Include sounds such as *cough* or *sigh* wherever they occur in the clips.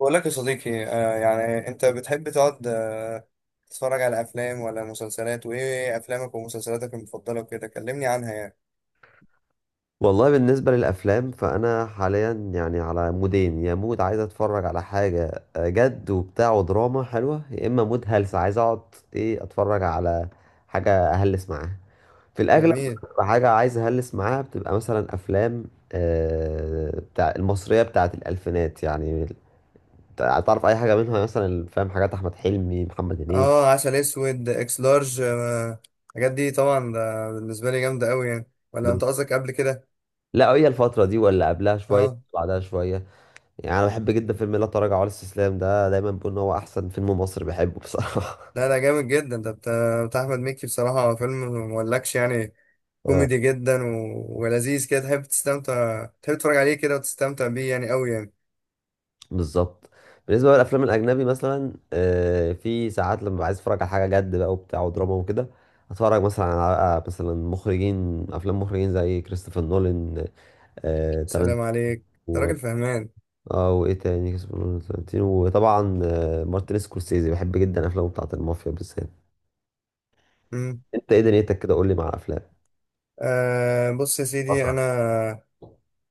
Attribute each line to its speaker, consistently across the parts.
Speaker 1: بقول لك يا صديقي يعني انت بتحب تقعد تتفرج على افلام ولا مسلسلات، وايه افلامك ومسلسلاتك المفضله وكده، كلمني عنها يعني.
Speaker 2: والله بالنسبة للأفلام فأنا حاليا يعني على مودين، يا مود عايز أتفرج على حاجة جد وبتاع ودراما حلوة، يا إما مود هلس عايز أقعد إيه أتفرج على حاجة أهلس معاها في الأغلب.
Speaker 1: جميل.
Speaker 2: بتبقى حاجة عايز أهلس معاها، بتبقى مثلا أفلام بتاع المصرية بتاعت الألفينات يعني. تعرف أي حاجة منها؟ مثلا فاهم حاجات أحمد حلمي، محمد هنيدي.
Speaker 1: اه، عسل اسود، اكس لارج، الحاجات دي طبعا ده بالنسبه لي جامده قوي يعني، ولا انت قصدك قبل كده؟
Speaker 2: لا، هي الفترة دي ولا قبلها شوية
Speaker 1: اه،
Speaker 2: بعدها شوية. يعني انا بحب جدا فيلم لا تراجع ولا استسلام، ده دايما بقول ان هو احسن فيلم مصري بحبه بصراحه.
Speaker 1: لا ده جامد جدا، ده بتاع احمد مكي بصراحه، فيلم مولكش يعني.
Speaker 2: *laughs* اه.
Speaker 1: كوميدي جدا ولذيذ كده، تحب تستمتع، تحب تتفرج عليه كده وتستمتع بيه، يعني قوي يعني.
Speaker 2: بالظبط. بالنسبه بقى للافلام الاجنبي، مثلا في ساعات لما عايز اتفرج على حاجه جد بقى وبتاع ودراما وكده، اتفرج مثلا على بقى مثلا مخرجين افلام، مخرجين زي كريستوفر نولان، تارانتينو.
Speaker 1: سلام عليك، انت
Speaker 2: و-
Speaker 1: راجل فهمان.
Speaker 2: اه وايه تاني، كريستوفر نولان، تارانتينو، وطبعا مارتن سكورسيزي، بحب جدا افلامه بتاعت المافيا بالذات. انت ايه دنيتك كده؟ قول لي مع الافلام.
Speaker 1: أه، بص يا
Speaker 2: اه
Speaker 1: سيدي
Speaker 2: طبعا.
Speaker 1: انا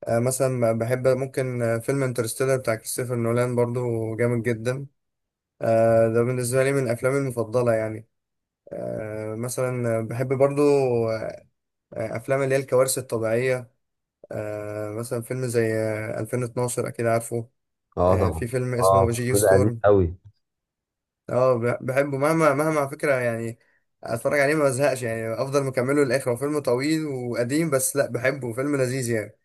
Speaker 1: مثلا بحب ممكن فيلم انترستيلر بتاع كريستوفر نولان برضو جامد جدا. ده بالنسبه لي من افلامي المفضله يعني. مثلا بحب برضو آه، افلام اللي هي الكوارث الطبيعيه. مثلا فيلم زي 2012، اكيد عارفه؟
Speaker 2: اه طبعا.
Speaker 1: في فيلم اسمه
Speaker 2: اه
Speaker 1: جيو
Speaker 2: ده قديم
Speaker 1: ستورم.
Speaker 2: قوي.
Speaker 1: اه، بحبه مهما مهما على فكره يعني. اتفرج عليه ما بزهقش يعني، افضل مكمله للاخر، هو فيلم طويل وقديم بس لا بحبه، فيلم لذيذ يعني.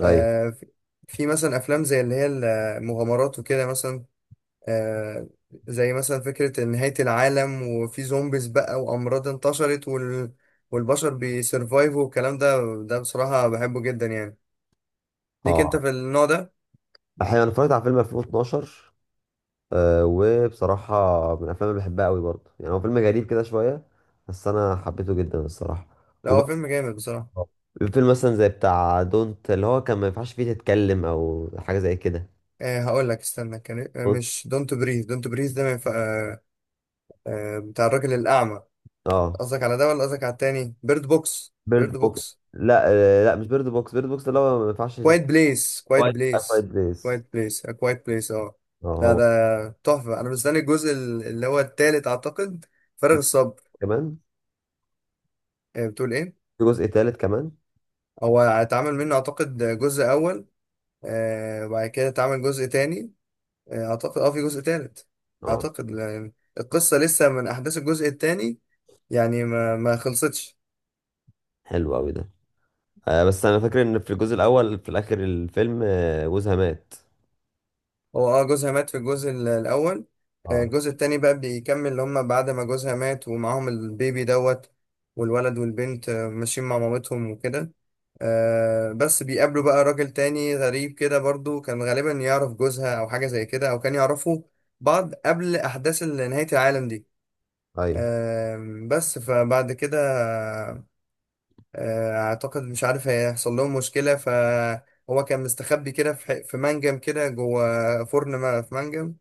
Speaker 2: ايوه.
Speaker 1: آه، في في مثلا افلام زي اللي هي المغامرات وكده، مثلا آه، زي مثلا فكرة نهاية العالم، وفي زومبيز بقى وامراض انتشرت والبشر بيسرفايفوا والكلام ده. ده بصراحة بحبه جدا يعني. ليك انت
Speaker 2: اه
Speaker 1: في النوع ده؟
Speaker 2: احيانا انا اتفرجت على فيلم 2012. آه وبصراحه من الافلام اللي بحبها قوي برضه، يعني هو فيلم غريب كده شويه بس انا حبيته جدا الصراحه.
Speaker 1: لا، هو فيلم
Speaker 2: وبرضه
Speaker 1: جامد بصراحة.
Speaker 2: فيلم مثلا زي بتاع دونت، اللي هو كان ما ينفعش فيه تتكلم او حاجه زي كده.
Speaker 1: أه، هقول لك، استنى، كان إيه؟
Speaker 2: Don't-
Speaker 1: مش دونت بريز، دونت بريز ده من بتاع الراجل الأعمى.
Speaker 2: اه
Speaker 1: قصدك على ده، ولا قصدك على التاني، بيرد بوكس، بيرد
Speaker 2: بيرد بوكس.
Speaker 1: بوكس؟
Speaker 2: لا آه لا، مش بيرد بوكس، بيرد بوكس اللي هو ما ينفعش
Speaker 1: كوايت
Speaker 2: تفت.
Speaker 1: بليس، كوايت
Speaker 2: فايت، فايت
Speaker 1: بليس،
Speaker 2: بليس.
Speaker 1: كوايت بليس، كوايت بليس، اه.
Speaker 2: اه
Speaker 1: لا
Speaker 2: هو.
Speaker 1: ده تحفة، أنا مستني الجزء اللي هو التالت أعتقد، فارغ
Speaker 2: في
Speaker 1: الصبر.
Speaker 2: كمان.
Speaker 1: بتقول إيه؟
Speaker 2: في جزء تالت كمان.
Speaker 1: هو اتعمل منه أعتقد جزء أول، وبعد كده اتعمل جزء تاني، أعتقد في جزء تالت.
Speaker 2: اه
Speaker 1: أعتقد، لا، يعني القصة لسه من أحداث الجزء التاني، يعني ما خلصتش.
Speaker 2: حلو قوي ده. آه بس انا فاكر ان في الجزء الاول في الاخر الفيلم جوزها مات.
Speaker 1: هو، اه، جوزها مات في الجزء الاول.
Speaker 2: اه.
Speaker 1: الجزء التاني بقى بيكمل، اللي هما بعد ما جوزها مات ومعاهم البيبي دوت، والولد والبنت، ماشيين مع مامتهم وكده. بس بيقابلوا بقى راجل تاني غريب كده، برضو كان غالبا يعرف جوزها او حاجة زي كده، او كان يعرفوا بعض قبل احداث نهاية العالم دي.
Speaker 2: ايوه.
Speaker 1: بس فبعد كده، اعتقد مش عارف هيحصل لهم مشكلة، فهو كان مستخبي كده في في منجم كده جوه فرن في منجم.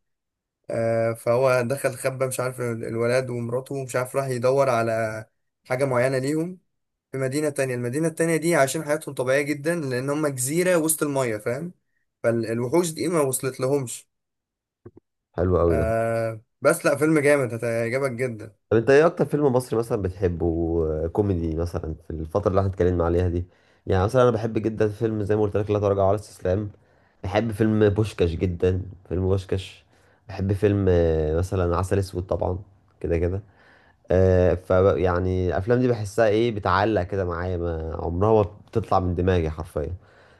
Speaker 1: فهو دخل خبى، مش عارف الولد ومراته، مش عارف راح يدور على حاجة معينة ليهم في مدينة تانية. المدينة التانية دي عايشين حياتهم طبيعية جدا، لأن هم جزيرة وسط المية، فاهم، فالوحوش دي ما وصلت لهمش.
Speaker 2: حلو قوي ده.
Speaker 1: بس لا، فيلم جامد هتعجبك جدا.
Speaker 2: طب انت ايه اكتر فيلم مصري مثلا بتحبه كوميدي، مثلا في الفتره اللي احنا اتكلمنا عليها دي؟ يعني مثلا انا بحب جدا فيلم زي ما قلت لك لا تراجع ولا استسلام. بحب فيلم بوشكاش جدا، فيلم بوشكاش. بحب فيلم مثلا عسل اسود طبعا. كده كده. آه ف، يعني الافلام دي بحسها ايه، بتعلق كده معايا، ما عمرها ما بتطلع من دماغي حرفيا.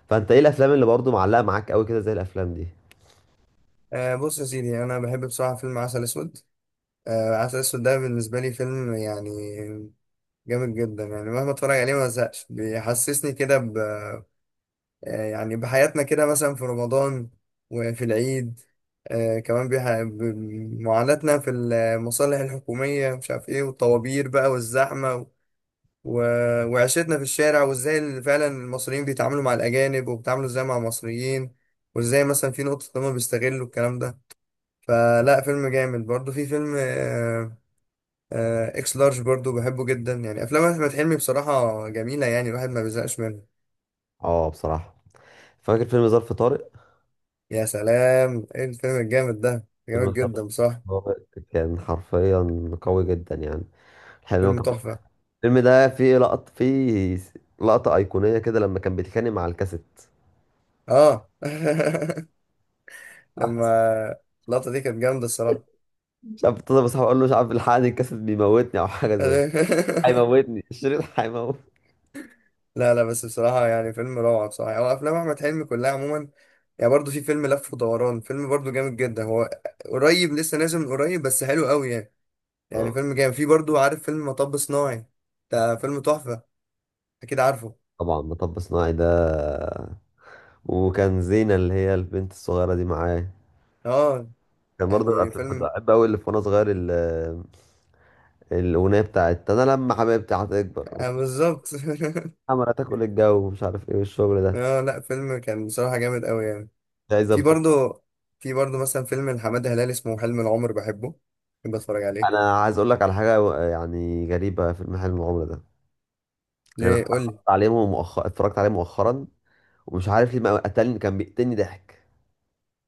Speaker 2: فانت ايه الافلام اللي برضو معلقه معاك قوي كده زي الافلام دي؟
Speaker 1: بص يا سيدي، أنا بحب بصراحة فيلم عسل أسود. عسل أسود ده بالنسبة لي فيلم يعني جامد جدا، يعني مهما اتفرج عليه ما زهقش، بيحسسني كده يعني بحياتنا كده، مثلا في رمضان وفي العيد، كمان بمعاناتنا في المصالح الحكومية، مش عارف ايه، والطوابير بقى والزحمة و... وعيشتنا في الشارع، وازاي فعلا المصريين بيتعاملوا مع الأجانب، وبيتعاملوا ازاي مع المصريين، وازاي مثلا في نقطة إن هما بيستغلوا الكلام ده. فلا، فيلم جامد برضه. في فيلم اكس لارج برضه بحبه جدا يعني، أفلام أحمد حلمي بصراحة جميلة، يعني الواحد ما بيزهقش منها.
Speaker 2: اه بصراحه. فاكر فيلم ظرف طارق.
Speaker 1: يا سلام، ايه الفيلم الجامد ده،
Speaker 2: فيلم
Speaker 1: جامد
Speaker 2: الفتى.
Speaker 1: جدا بصراحة.
Speaker 2: هو كان حرفيا قوي جدا يعني. الحلو هو
Speaker 1: فيلم
Speaker 2: كان
Speaker 1: تحفة.
Speaker 2: الفيلم ده فيه لقطة، فيه لقطة أيقونية كده لما كان بيتخانق مع الكاسيت.
Speaker 1: اه. *laughs* لما
Speaker 2: *laughs*
Speaker 1: اللقطة دي كانت جامدة الصراحة.
Speaker 2: مش عارف، اتصل بصاحبي أقول له مش عارف الحقني الكاسيت بيموتني أو حاجة زي كده.
Speaker 1: *laughs*
Speaker 2: هيموتني *laughs* الشريط هيموت.
Speaker 1: لا، لا، بس بصراحة يعني، فيلم روعة بصراحة، يعني هو أفلام أحمد حلمي كلها عموما. يعني برضه في فيلم لف ودوران، فيلم برضه جامد جدا هو، قريب لسه نازل من قريب، بس حلو قوي يعني، يعني
Speaker 2: اه
Speaker 1: فيلم جامد. في برضه، عارف فيلم مطب صناعي؟ ده فيلم تحفة، أكيد عارفه.
Speaker 2: طبعا مطب صناعي ده. وكان زينة اللي هي البنت الصغيرة دي معاه.
Speaker 1: اه،
Speaker 2: كان برضه
Speaker 1: يعني
Speaker 2: كنت
Speaker 1: فيلم
Speaker 2: بحب أوي اللي في وأنا صغير الأغنية بتاعت أنا لما حبيبتي هتكبر.
Speaker 1: بالظبط.
Speaker 2: عمالة تاكل الجو ومش عارف إيه والشغل
Speaker 1: *laughs*
Speaker 2: ده.
Speaker 1: اه، لا فيلم كان بصراحة جامد قوي يعني.
Speaker 2: مش
Speaker 1: في
Speaker 2: عايزة.
Speaker 1: برضه، في برضه مثلا فيلم لحماد هلال اسمه حلم العمر، بحبه، بحب اتفرج عليه.
Speaker 2: انا عايز اقول لك على حاجه يعني غريبه في المحل المغامره ده. يعني انا
Speaker 1: ليه؟ قول لي.
Speaker 2: اتفرجت عليه مؤخرا، ومش عارف ليه ما قتلني، كان بيقتلني ضحك.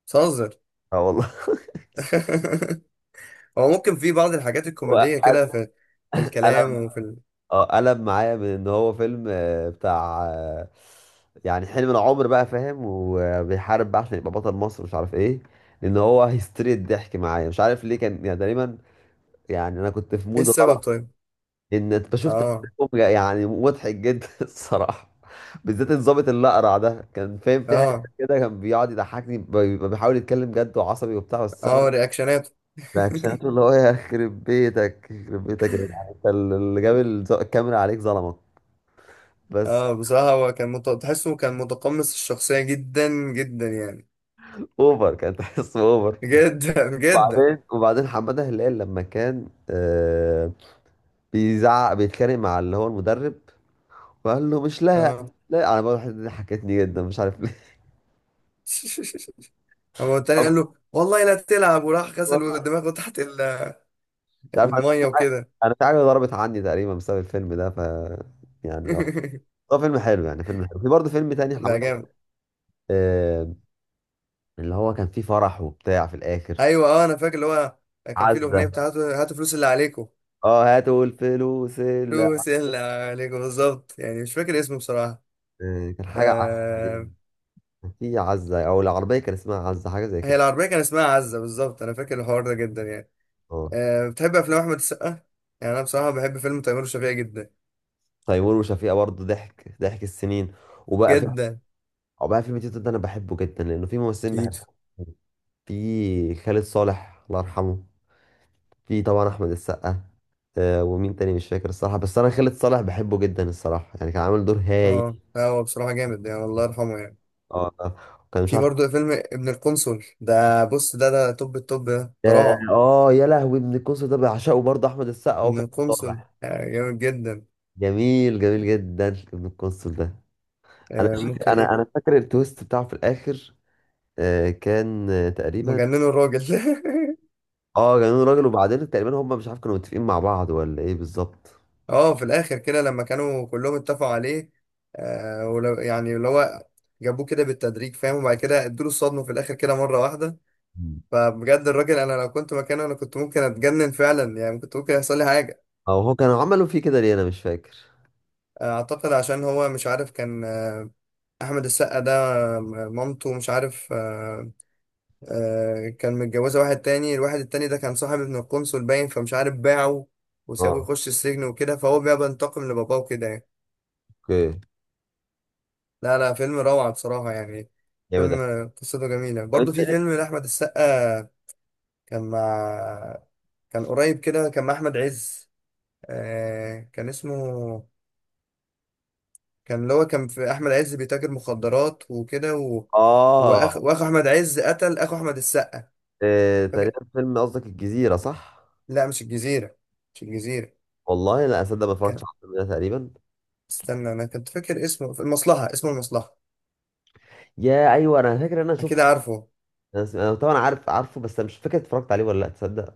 Speaker 1: بتهزر؟
Speaker 2: اه والله.
Speaker 1: *laughs* هو ممكن في بعض الحاجات
Speaker 2: *laughs*
Speaker 1: الكوميدية كده،
Speaker 2: وقلب.
Speaker 1: في في الكلام وفي
Speaker 2: اه قلب معايا من ان هو فيلم بتاع يعني حلم العمر بقى فاهم، وبيحارب بقى عشان يبقى بطل مصر مش عارف ايه، لان هو هيستري الضحك معايا مش عارف ليه، كان يعني تقريبا، يعني انا كنت في
Speaker 1: ايه
Speaker 2: مود
Speaker 1: السبب
Speaker 2: غلط.
Speaker 1: طيب؟
Speaker 2: ان انت شفت
Speaker 1: اه،
Speaker 2: تمثيلهم يعني مضحك جدا *laughs* الصراحه. بالذات الظابط اللي اقرع ده كان فاهم في
Speaker 1: اه،
Speaker 2: حته كده كان بيقعد يضحكني، بيبقى بيحاول يتكلم جد وعصبي وبتاع، بس
Speaker 1: اه،
Speaker 2: انا
Speaker 1: رياكشناته. *laughs*
Speaker 2: رياكشناته، اللي هو يخرب بيتك، يخرب بيتك يا جدعان. انت اللي جاب الكاميرا عليك ظلمك بس.
Speaker 1: اه، بصراحة هو كان تحسه كان متقمص الشخصية جدا جدا يعني،
Speaker 2: اوفر، كان تحس اوفر.
Speaker 1: جدا *laughs* جدا.
Speaker 2: وبعدين حماده هلال لما كان بيزعق بيتخانق مع اللي هو المدرب، وقال له مش لاعب.
Speaker 1: اه. *laughs*
Speaker 2: لا انا بقول الحته دي ضحكتني جدا مش عارف ليه.
Speaker 1: هو التاني قال له
Speaker 2: *laughs*
Speaker 1: والله لا تلعب، وراح
Speaker 2: والله
Speaker 1: غسل دماغه تحت
Speaker 2: مش عارف.
Speaker 1: المية وكده.
Speaker 2: انا شعبي ضربت عني تقريبا بسبب الفيلم ده ف، يعني اه
Speaker 1: *laughs*
Speaker 2: هو فيلم حلو، يعني فيلم حلو. في برضه فيلم تاني
Speaker 1: لا،
Speaker 2: حماده
Speaker 1: جامد.
Speaker 2: آه اللي هو كان فيه فرح وبتاع في الاخر.
Speaker 1: ايوه، اه، انا فاكر اللي هو كان في الاغنيه
Speaker 2: عزة.
Speaker 1: بتاعته، هاتوا هاتوا فلوس اللي عليكم،
Speaker 2: اه هاتوا الفلوس اللي.
Speaker 1: فلوس اللي عليكم بالظبط، يعني مش فاكر اسمه بصراحه.
Speaker 2: آه كان حاجة
Speaker 1: آه
Speaker 2: يعني كان في عزة او العربية كان اسمها عزة حاجة زي
Speaker 1: هي
Speaker 2: كده.
Speaker 1: العربيه كان اسمها عزه بالظبط، انا فاكر الحوار ده جدا يعني.
Speaker 2: اه.
Speaker 1: بتحب افلام احمد السقا؟ يعني انا بصراحه بحب فيلم تيمور وشفيقة جدا،
Speaker 2: تيمور وشفيقة برضه ضحك، ضحك السنين. وبقى فيلم.
Speaker 1: جدا.
Speaker 2: وبقى فيلم تيتو ده انا بحبه جدا لانه في ممثلين
Speaker 1: تيتو.
Speaker 2: بحبهم. في خالد صالح الله يرحمه. في طبعا احمد السقا. آه ومين تاني مش فاكر الصراحه، بس انا خالد صالح بحبه جدا الصراحه يعني كان عامل دور هايل.
Speaker 1: اه، لا، هو بصراحه جامد يعني، الله يرحمه يعني.
Speaker 2: اه آه. وكان مش
Speaker 1: في
Speaker 2: عارف.
Speaker 1: برضه فيلم ابن القنصل، ده بص، ده توب التوب ده، ده
Speaker 2: اه
Speaker 1: روعه.
Speaker 2: آه، يا لهوي ابن القنصل ده بعشقه برضه، احمد السقا
Speaker 1: ابن
Speaker 2: وخالد
Speaker 1: القنصل
Speaker 2: صالح.
Speaker 1: جامد جدا.
Speaker 2: جميل جميل جدا. ابن القنصل ده انا مش فاكر-
Speaker 1: ممكن
Speaker 2: انا
Speaker 1: ايه.
Speaker 2: انا فاكر التويست بتاعه في الاخر. آه كان آه تقريبا.
Speaker 1: مجننوا الراجل. *laughs*
Speaker 2: اه جنون راجل. وبعدين تقريبا هم مش عارف كانوا متفقين مع بعض ولا ايه بالظبط.
Speaker 1: اه، في الاخر كده لما كانوا كلهم اتفقوا عليه، ولو يعني اللي هو جابوه كده بالتدريج، فاهم، وبعد كده ادوا له الصدمه في الاخر كده مره واحده.
Speaker 2: مم.
Speaker 1: فبجد الراجل، انا لو كنت مكانه انا كنت ممكن اتجنن فعلا يعني، كنت ممكن يحصل لي حاجه.
Speaker 2: او هو كانوا عملوا فيه كده ليه انا مش فاكر.
Speaker 1: اعتقد عشان هو مش عارف، كان احمد السقا ده، آه، مامته مش عارف، كان متجوزه واحد تاني، الواحد التاني ده كان صاحب ابن القنصل باين، فمش عارف باعه وسابه
Speaker 2: اه.
Speaker 1: يخش السجن وكده، فهو بقى بينتقم لباباه وكده يعني.
Speaker 2: اوكي.
Speaker 1: لا لا، فيلم روعة بصراحة يعني. فيلم
Speaker 2: جامد أوي.
Speaker 1: قصته جميلة
Speaker 2: طب
Speaker 1: برضو.
Speaker 2: انت.
Speaker 1: في فيلم لأحمد السقا، كان مع، كان قريب كده، كان مع أحمد عز، كان اسمه، كان اللي هو كان في أحمد عز بيتاجر مخدرات وكده
Speaker 2: اه
Speaker 1: وأخو أحمد عز قتل أخو أحمد السقا،
Speaker 2: إيه
Speaker 1: فاكر؟
Speaker 2: تقريبا، فيلم قصدك الجزيرة صح؟
Speaker 1: لا مش الجزيرة، مش الجزيرة.
Speaker 2: والله لا اصدق، ما
Speaker 1: كان،
Speaker 2: اتفرجتش على الفيلم ده تقريبا.
Speaker 1: استنى، أنا كنت فاكر اسمه، في المصلحة، اسمه المصلحة،
Speaker 2: يا ايوه انا فاكر ان انا
Speaker 1: أكيد
Speaker 2: شفت.
Speaker 1: عارفه.
Speaker 2: أنا طبعا عارفه بس أنا مش فاكر اتفرجت عليه ولا لا تصدق.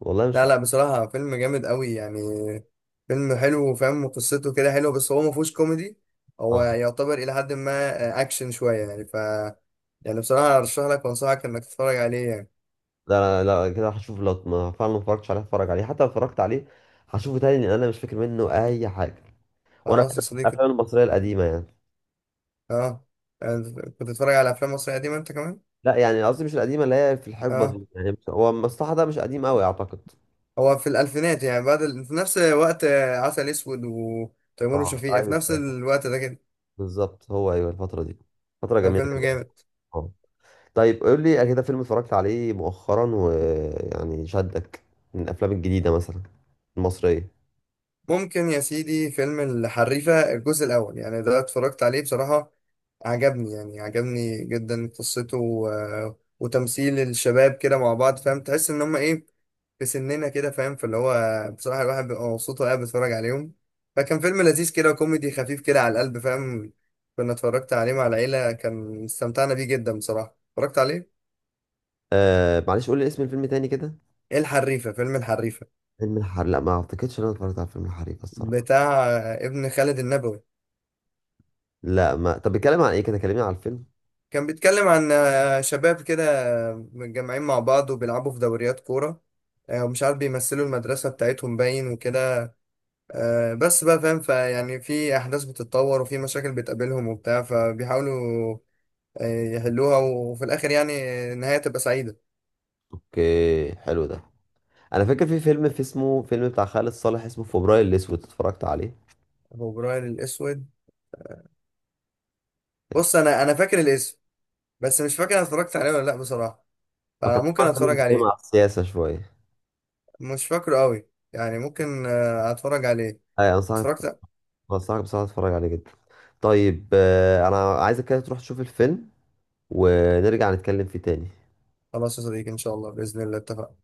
Speaker 2: والله مش
Speaker 1: لا
Speaker 2: فاكر.
Speaker 1: لا، بصراحة فيلم جامد قوي يعني. فيلم حلو، وفاهم قصته كده حلوة، بس هو ما فيهوش كوميدي، هو
Speaker 2: اه
Speaker 1: يعتبر إلى حد ما أكشن شوية يعني، يعني بصراحة أرشح لك وأنصحك إنك تتفرج عليه يعني.
Speaker 2: لا لا, لا كده هشوف، لو ما فعلا ما اتفرجتش عليه هتفرج عليه، حتى لو اتفرجت عليه هشوفه تاني لان انا مش فاكر منه اي حاجة. وانا
Speaker 1: خلاص
Speaker 2: بحب
Speaker 1: يا صديقي.
Speaker 2: الافلام المصرية القديمة يعني.
Speaker 1: أه أنت كنت بتتفرج على أفلام مصرية قديمة أنت كمان؟
Speaker 2: لا يعني قصدي مش القديمة، اللي هي في الحقبة
Speaker 1: أه،
Speaker 2: دي يعني، هو المصلحة ده مش قديم قوي اعتقد.
Speaker 1: هو في الألفينات يعني، بعد في نفس وقت عسل أسود وتيمور
Speaker 2: اه
Speaker 1: وشفيقة، في
Speaker 2: ايوه
Speaker 1: نفس
Speaker 2: أيوة،
Speaker 1: الوقت ده كده،
Speaker 2: بالظبط، هو ايوه الفترة دي، فترة جميلة
Speaker 1: ففيلم
Speaker 2: جدا.
Speaker 1: جامد.
Speaker 2: طيب قول لي كده فيلم اتفرجت عليه مؤخرا ويعني شدك من الافلام الجديده مثلا، المصريه.
Speaker 1: ممكن يا سيدي فيلم الحريفة الجزء الأول، يعني ده اتفرجت عليه بصراحة، عجبني يعني، عجبني جدا قصته وتمثيل الشباب كده مع بعض، فاهم، تحس ان هم ايه، في سننا كده، فاهم، فاللي هو بصراحة الواحد بيبقى مبسوط وهو قاعد بيتفرج عليهم، فكان فيلم لذيذ كده، كوميدي خفيف كده على القلب، فاهم. كنا اتفرجت عليه مع العيلة، كان استمتعنا بيه جدا بصراحة، اتفرجت عليه.
Speaker 2: آه معلش قول لي اسم الفيلم تاني كده.
Speaker 1: ايه الحريفة، فيلم الحريفة
Speaker 2: فيلم الحريق. لا ما اعتقدش ان انا اتفرجت على فيلم الحريق الصراحه.
Speaker 1: بتاع ابن خالد النبوي.
Speaker 2: لا ما طب بيتكلم عن ايه كده؟ كلمني على الفيلم.
Speaker 1: كان بيتكلم عن شباب كده متجمعين مع بعض وبيلعبوا في دوريات كورة، ومش عارف بيمثلوا المدرسة بتاعتهم باين وكده، بس بقى، فاهم، فيعني في احداث بتتطور وفي مشاكل بتقابلهم وبتاع، فبيحاولوا يحلوها، وفي الاخر يعني النهايه تبقى سعيده.
Speaker 2: اوكي حلو ده. انا فاكر في فيلم، في اسمه، فيلم بتاع خالد صالح اسمه فبراير الاسود، اتفرجت عليه.
Speaker 1: فبراير الاسود، بص انا فاكر الاسم، بس مش فاكر انا اتفرجت عليه ولا لا بصراحه،
Speaker 2: هو كان
Speaker 1: فممكن
Speaker 2: طبعاً فيلم
Speaker 1: اتفرج
Speaker 2: بيتكلم
Speaker 1: عليه.
Speaker 2: على السياسه شويه.
Speaker 1: مش فاكره قوي يعني، ممكن اتفرج عليه،
Speaker 2: اي انصحك،
Speaker 1: اتفرجت.
Speaker 2: انصحك بصراحه تتفرج عليه جدا. طيب آه انا عايزك كده تروح تشوف الفيلم ونرجع نتكلم فيه تاني.
Speaker 1: خلاص يا صديقي، ان شاء الله، باذن الله اتفقنا.